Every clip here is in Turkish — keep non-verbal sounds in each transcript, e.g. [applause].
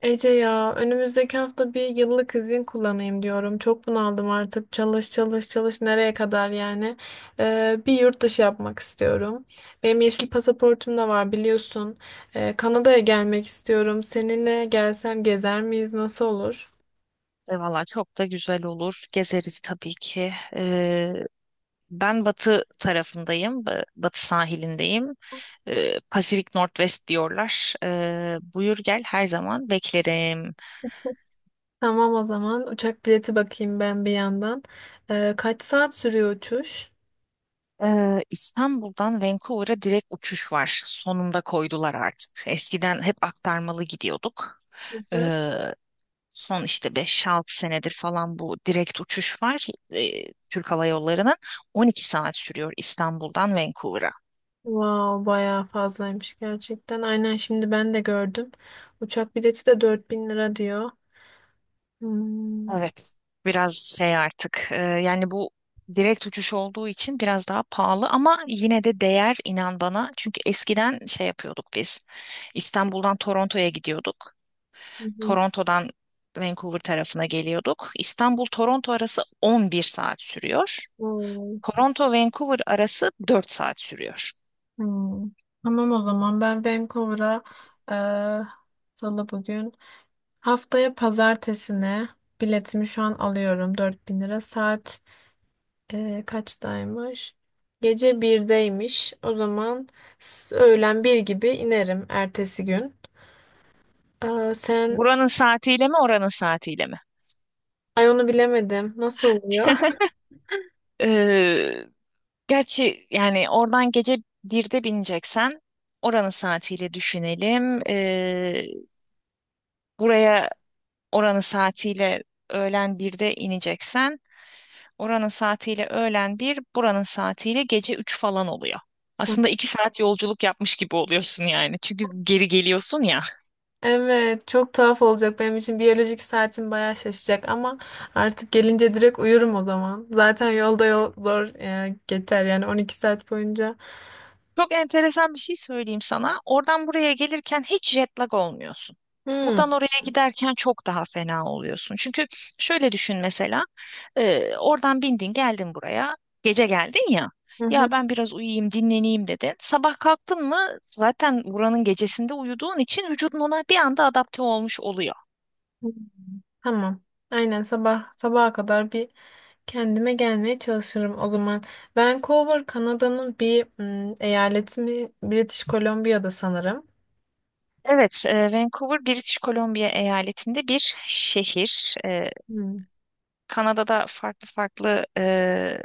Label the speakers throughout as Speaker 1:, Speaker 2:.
Speaker 1: Ece ya, önümüzdeki hafta bir yıllık izin kullanayım diyorum. Çok bunaldım artık. Çalış, çalış, çalış, nereye kadar yani. Bir yurt dışı yapmak istiyorum. Benim yeşil pasaportum da var, biliyorsun. Kanada'ya gelmek istiyorum. Seninle gelsem gezer miyiz? Nasıl olur?
Speaker 2: Valla çok da güzel olur. Gezeriz tabii ki. Ben batı tarafındayım. Batı sahilindeyim. Pacific Northwest diyorlar. Buyur gel, her zaman beklerim.
Speaker 1: Tamam, o zaman uçak bileti bakayım ben bir yandan. Kaç saat sürüyor uçuş?
Speaker 2: İstanbul'dan Vancouver'a direkt uçuş var. Sonunda koydular artık. Eskiden hep aktarmalı gidiyorduk.
Speaker 1: Hı hı.
Speaker 2: Ee, son işte 5-6 senedir falan bu direkt uçuş var. Türk Hava Yolları'nın 12 saat sürüyor İstanbul'dan Vancouver'a.
Speaker 1: Wow, bayağı fazlaymış gerçekten. Aynen, şimdi ben de gördüm. Uçak bileti de 4.000 lira diyor. Hmm,
Speaker 2: Evet, biraz şey artık yani bu direkt uçuş olduğu için biraz daha pahalı, ama yine de değer, inan bana. Çünkü eskiden şey yapıyorduk biz, İstanbul'dan Toronto'ya gidiyorduk.
Speaker 1: hı hı.
Speaker 2: Toronto'dan Vancouver tarafına geliyorduk. İstanbul-Toronto arası 11 saat sürüyor.
Speaker 1: Vay.
Speaker 2: Toronto-Vancouver arası 4 saat sürüyor.
Speaker 1: Hmm. Tamam, o zaman ben Vancouver'a eee salı bugün, haftaya pazartesine biletimi şu an alıyorum, 4.000 lira. Saat kaçtaymış? Gece 1'deymiş o zaman. Öğlen bir gibi inerim ertesi gün. Aa, sen…
Speaker 2: Buranın saatiyle mi, oranın saatiyle mi?
Speaker 1: Ay, onu bilemedim, nasıl oluyor?
Speaker 2: [laughs] Ee, Gerçi yani oradan gece birde bineceksen oranın saatiyle düşünelim. Buraya oranın saatiyle öğlen birde ineceksen, oranın saatiyle öğlen bir, buranın saatiyle gece 3 falan oluyor.
Speaker 1: Hı.
Speaker 2: Aslında 2 saat yolculuk yapmış gibi oluyorsun yani. Çünkü geri geliyorsun ya.
Speaker 1: Evet, çok tuhaf olacak benim için. Biyolojik saatim bayağı şaşacak ama artık gelince direkt uyurum o zaman. Zaten yolda yol zor geçer yani, 12 saat boyunca.
Speaker 2: Çok enteresan bir şey söyleyeyim sana. Oradan buraya gelirken hiç jet lag olmuyorsun.
Speaker 1: Hı.
Speaker 2: Buradan oraya giderken çok daha fena oluyorsun. Çünkü şöyle düşün, mesela, oradan bindin geldin buraya, gece geldin ya.
Speaker 1: Hı
Speaker 2: Ya ben biraz uyuyayım, dinleneyim dedin. Sabah kalktın mı, zaten buranın gecesinde uyuduğun için vücudun ona bir anda adapte olmuş oluyor.
Speaker 1: hı. Tamam. Aynen, sabah sabaha kadar bir kendime gelmeye çalışırım o zaman. Vancouver Kanada'nın bir eyaleti mi? British Columbia'da sanırım.
Speaker 2: Evet, Vancouver, British Columbia eyaletinde bir şehir.
Speaker 1: Hmm.
Speaker 2: Kanada'da farklı farklı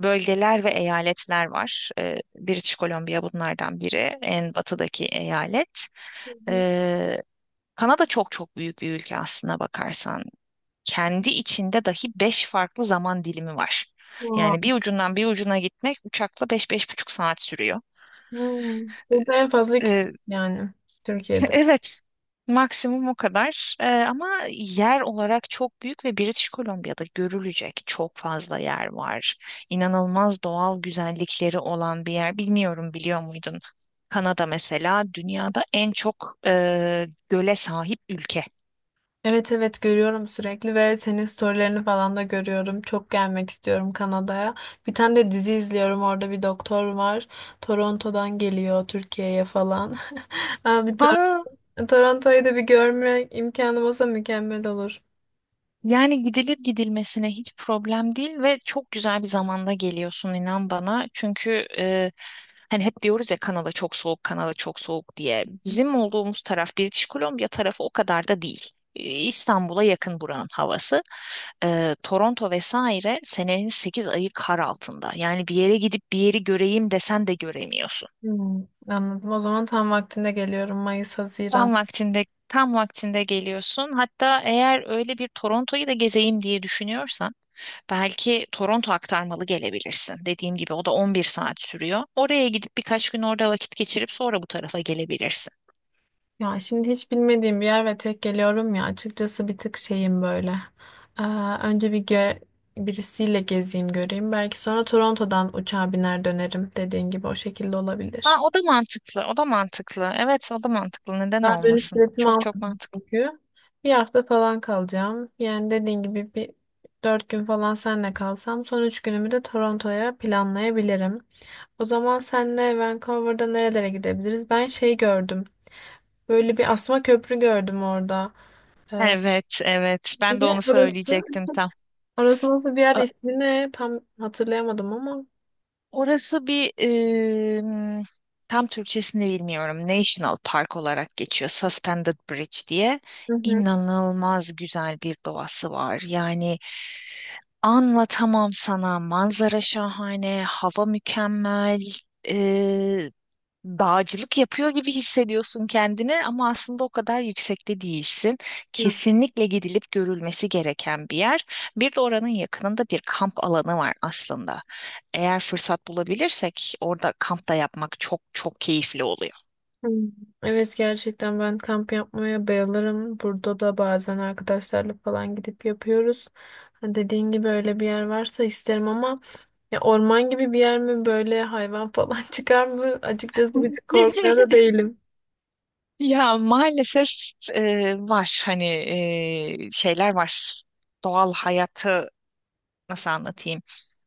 Speaker 2: bölgeler ve eyaletler var. British Columbia bunlardan biri, en batıdaki eyalet.
Speaker 1: Hı hı.
Speaker 2: E, Kanada çok çok büyük bir ülke, aslına bakarsan. Kendi içinde dahi 5 farklı zaman dilimi var.
Speaker 1: Aa,
Speaker 2: Yani bir ucundan bir ucuna gitmek uçakla beş, beş buçuk saat sürüyor.
Speaker 1: hmm. Burada en fazla ikisi, yani Türkiye'de.
Speaker 2: Evet, maksimum o kadar. Ama yer olarak çok büyük ve British Columbia'da görülecek çok fazla yer var. İnanılmaz doğal güzellikleri olan bir yer. Bilmiyorum, biliyor muydun? Kanada mesela dünyada en çok göle sahip ülke.
Speaker 1: Evet, evet, görüyorum sürekli ve senin storylerini falan da görüyorum. Çok gelmek istiyorum Kanada'ya. Bir tane de dizi izliyorum, orada bir doktor var. Toronto'dan geliyor Türkiye'ye falan. [laughs] Abi,
Speaker 2: Aa,
Speaker 1: Toronto'yu da bir görme imkanım olsa mükemmel olur.
Speaker 2: yani gidilir gidilmesine, hiç problem değil ve çok güzel bir zamanda geliyorsun, inan bana. Çünkü hani hep diyoruz ya, Kanada çok soğuk, Kanada çok soğuk diye. Bizim olduğumuz taraf, British Columbia tarafı, o kadar da değil. İstanbul'a yakın buranın havası. Toronto vesaire senenin 8 ayı kar altında. Yani bir yere gidip bir yeri göreyim desen de göremiyorsun.
Speaker 1: Hmm, anladım. O zaman tam vaktinde geliyorum, Mayıs, Haziran.
Speaker 2: Tam vaktinde, tam vaktinde geliyorsun. Hatta eğer öyle bir Toronto'yu da gezeyim diye düşünüyorsan, belki Toronto aktarmalı gelebilirsin. Dediğim gibi, o da 11 saat sürüyor. Oraya gidip birkaç gün orada vakit geçirip sonra bu tarafa gelebilirsin.
Speaker 1: Ya şimdi hiç bilmediğim bir yer ve tek geliyorum ya, açıkçası bir tık şeyim böyle. Ee, Önce birisiyle gezeyim, göreyim. Belki sonra Toronto'dan uçağa biner dönerim, dediğin gibi, o şekilde
Speaker 2: Ha,
Speaker 1: olabilir.
Speaker 2: o da mantıklı, o da mantıklı. Evet, o da mantıklı. Neden
Speaker 1: Daha dönüş
Speaker 2: olmasın?
Speaker 1: biletimi
Speaker 2: Çok çok
Speaker 1: almadım
Speaker 2: mantıklı.
Speaker 1: çünkü. Bir hafta falan kalacağım. Yani dediğin gibi bir 4 gün falan senle kalsam, son 3 günümü de Toronto'ya planlayabilirim. O zaman senle Vancouver'da nerelere gidebiliriz? Ben şey gördüm. Böyle bir asma köprü gördüm orada. Ee,
Speaker 2: Evet, evet. Ben de
Speaker 1: Ne
Speaker 2: onu
Speaker 1: orası?
Speaker 2: söyleyecektim tam.
Speaker 1: Orası nasıl bir yer,
Speaker 2: Ö-
Speaker 1: ismi ne? Tam hatırlayamadım ama.
Speaker 2: Orası bir tam Türkçesini bilmiyorum. National Park olarak geçiyor, Suspended Bridge diye.
Speaker 1: Hı
Speaker 2: İnanılmaz güzel bir doğası var. Yani anlatamam sana. Manzara şahane, hava mükemmel. Dağcılık yapıyor gibi hissediyorsun kendini, ama aslında o kadar yüksekte değilsin.
Speaker 1: hı.
Speaker 2: Kesinlikle gidilip görülmesi gereken bir yer. Bir de oranın yakınında bir kamp alanı var aslında. Eğer fırsat bulabilirsek, orada kamp da yapmak çok çok keyifli oluyor.
Speaker 1: Hmm. Evet, gerçekten ben kamp yapmaya bayılırım. Burada da bazen arkadaşlarla falan gidip yapıyoruz. Ha, dediğin gibi öyle bir yer varsa isterim ama ya, orman gibi bir yer mi? Böyle hayvan falan [laughs] çıkar mı? Açıkçası bir de korkmuyor da
Speaker 2: [laughs]
Speaker 1: değilim.
Speaker 2: Ya maalesef var hani, şeyler var. Doğal hayatı nasıl anlatayım?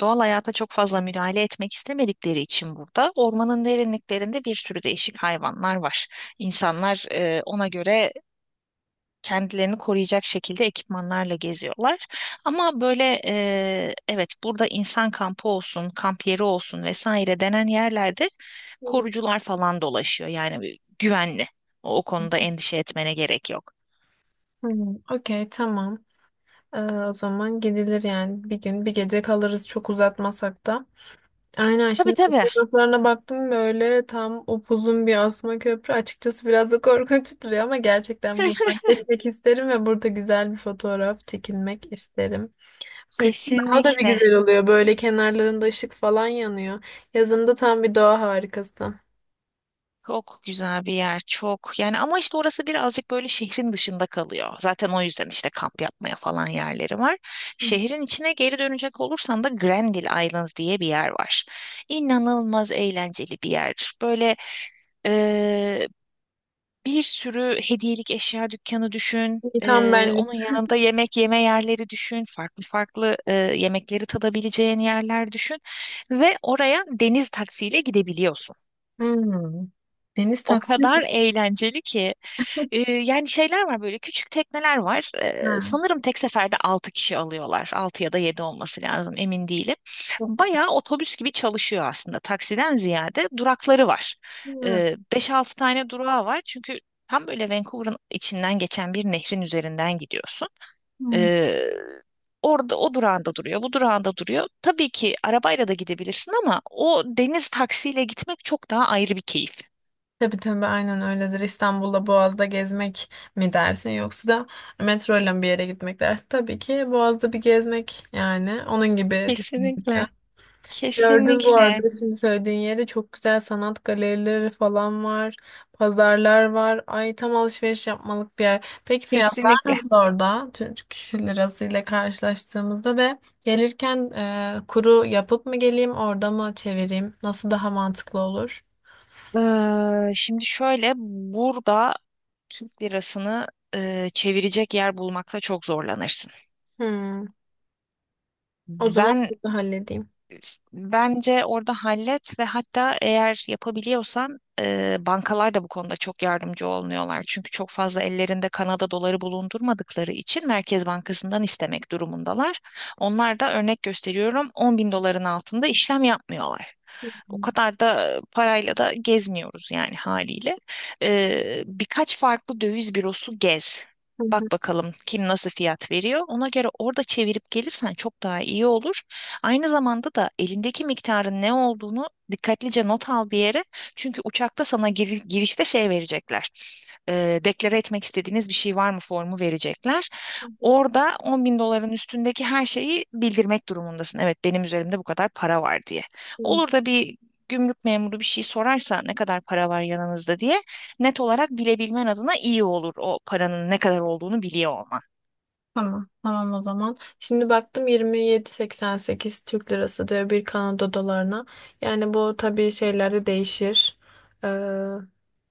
Speaker 2: Doğal hayata çok fazla müdahale etmek istemedikleri için burada ormanın derinliklerinde bir sürü değişik hayvanlar var. İnsanlar ona göre kendilerini koruyacak şekilde ekipmanlarla geziyorlar. Ama böyle, evet, burada insan kampı olsun, kamp yeri olsun vesaire denen yerlerde
Speaker 1: Hmm.
Speaker 2: korucular falan dolaşıyor. Yani güvenli. O konuda endişe etmene gerek yok.
Speaker 1: Hmm, okey, tamam. O zaman gidilir yani, bir gün bir gece kalırız, çok uzatmasak da. Aynen,
Speaker 2: Tabii,
Speaker 1: şimdi
Speaker 2: tabii.
Speaker 1: fotoğraflarına baktım, böyle tam upuzun bir asma köprü. Açıkçası biraz da [laughs] korkunç duruyor ama gerçekten
Speaker 2: [laughs]
Speaker 1: buradan geçmek isterim ve burada güzel bir fotoğraf çekilmek isterim. Kışın daha da bir
Speaker 2: Kesinlikle.
Speaker 1: güzel oluyor. Böyle kenarlarında ışık falan yanıyor. Yazında tam bir doğa harikası.
Speaker 2: Çok güzel bir yer, çok. Yani ama işte orası birazcık böyle şehrin dışında kalıyor. Zaten o yüzden işte kamp yapmaya falan yerleri var. Şehrin içine geri dönecek olursan da Granville Island diye bir yer var. İnanılmaz eğlenceli bir yer. Böyle Eee, bir sürü hediyelik eşya dükkanı düşün.
Speaker 1: Tam benlik.
Speaker 2: Onun yanında yemek yeme yerleri düşün. Farklı farklı yemekleri tadabileceğin yerler düşün. Ve oraya deniz taksiyle gidebiliyorsun,
Speaker 1: Hmm. Deniz
Speaker 2: o
Speaker 1: takvim.
Speaker 2: kadar eğlenceli ki. Yani şeyler var, böyle küçük tekneler var.
Speaker 1: Ha.
Speaker 2: Sanırım tek seferde 6 kişi alıyorlar. 6 ya da 7 olması lazım, emin değilim. Bayağı otobüs gibi çalışıyor aslında. Taksiden ziyade durakları var. 5-6 tane durağı var. Çünkü tam böyle Vancouver'ın içinden geçen bir nehrin üzerinden gidiyorsun.
Speaker 1: Hmm.
Speaker 2: Ee, Orada o durağında duruyor, bu durağında duruyor. Tabii ki arabayla da gidebilirsin, ama o deniz taksiyle gitmek çok daha ayrı bir keyif.
Speaker 1: Tabii, tabii, aynen öyledir. İstanbul'da Boğaz'da gezmek mi dersin, yoksa da metro ile bir yere gitmek dersin. Tabii ki Boğaz'da bir gezmek, yani onun gibi düşününce.
Speaker 2: Kesinlikle.
Speaker 1: Gördüm bu arada,
Speaker 2: Kesinlikle,
Speaker 1: şimdi söylediğin yerde çok güzel sanat galerileri falan var. Pazarlar var. Ay, tam alışveriş yapmalık bir yer. Peki fiyatlar
Speaker 2: kesinlikle.
Speaker 1: nasıl orada? Türk lirası ile karşılaştığımızda ve gelirken kuru yapıp mı geleyim, orada mı çevireyim? Nasıl daha mantıklı olur?
Speaker 2: Şimdi şöyle, burada Türk lirasını çevirecek yer bulmakta çok zorlanırsın.
Speaker 1: Hmm. O zaman
Speaker 2: Ben
Speaker 1: burada halledeyim.
Speaker 2: Bence orada hallet ve hatta eğer yapabiliyorsan, bankalar da bu konuda çok yardımcı olmuyorlar. Çünkü çok fazla ellerinde Kanada doları bulundurmadıkları için Merkez Bankası'ndan istemek durumundalar. Onlar da örnek gösteriyorum, 10 bin doların altında işlem yapmıyorlar.
Speaker 1: Hı hı,
Speaker 2: O kadar da parayla da gezmiyoruz yani, haliyle. Birkaç farklı döviz bürosu gez.
Speaker 1: hı
Speaker 2: Bak bakalım kim nasıl fiyat veriyor. Ona göre orada çevirip gelirsen çok daha iyi olur. Aynı zamanda da elindeki miktarın ne olduğunu dikkatlice not al bir yere. Çünkü uçakta sana girişte şey verecekler. Deklare etmek istediğiniz bir şey var mı formu verecekler.
Speaker 1: hı, hı,
Speaker 2: Orada 10 bin doların üstündeki her şeyi bildirmek durumundasın. Evet, benim üzerimde bu kadar para var diye.
Speaker 1: hı.
Speaker 2: Olur da bir gümrük memuru bir şey sorarsa, ne kadar para var yanınızda diye, net olarak bilebilmen adına iyi olur o paranın ne kadar olduğunu biliyor olman.
Speaker 1: Tamam. Tamam, o zaman. Şimdi baktım, 27,88 Türk lirası diyor bir Kanada dolarına. Yani bu tabii şeylerde değişir. Ee,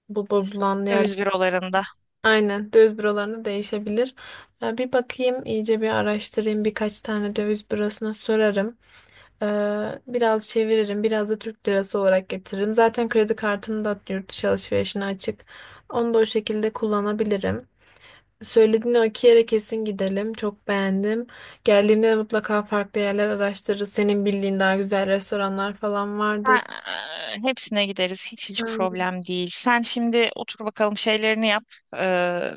Speaker 1: Bu bozulan yer.
Speaker 2: Döviz bürolarında.
Speaker 1: Aynen, döviz bürolarında değişebilir. Bir bakayım, iyice bir araştırayım, birkaç tane döviz bürosuna sorarım. Biraz çeviririm, biraz da Türk lirası olarak getiririm. Zaten kredi kartım da yurt dışı alışverişine açık. Onu da o şekilde kullanabilirim. Söylediğin o iki yere kesin gidelim, çok beğendim. Geldiğimde de mutlaka farklı yerler araştırırız. Senin bildiğin daha güzel restoranlar falan vardır.
Speaker 2: Ha, hepsine gideriz. Hiç hiç
Speaker 1: Aynen.
Speaker 2: problem değil. Sen şimdi otur bakalım, şeylerini yap. Ee,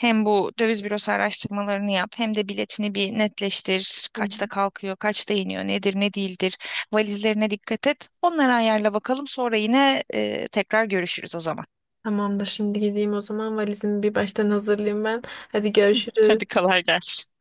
Speaker 2: hem bu döviz bürosu araştırmalarını yap, hem de biletini bir netleştir.
Speaker 1: Hı hı.
Speaker 2: Kaçta kalkıyor, kaçta iniyor, nedir, ne değildir. Valizlerine dikkat et. Onları ayarla bakalım. Sonra yine tekrar görüşürüz o zaman.
Speaker 1: Tamamdır. Şimdi gideyim o zaman. Valizimi bir baştan hazırlayayım ben. Hadi
Speaker 2: [laughs]
Speaker 1: görüşürüz.
Speaker 2: Hadi kolay gelsin.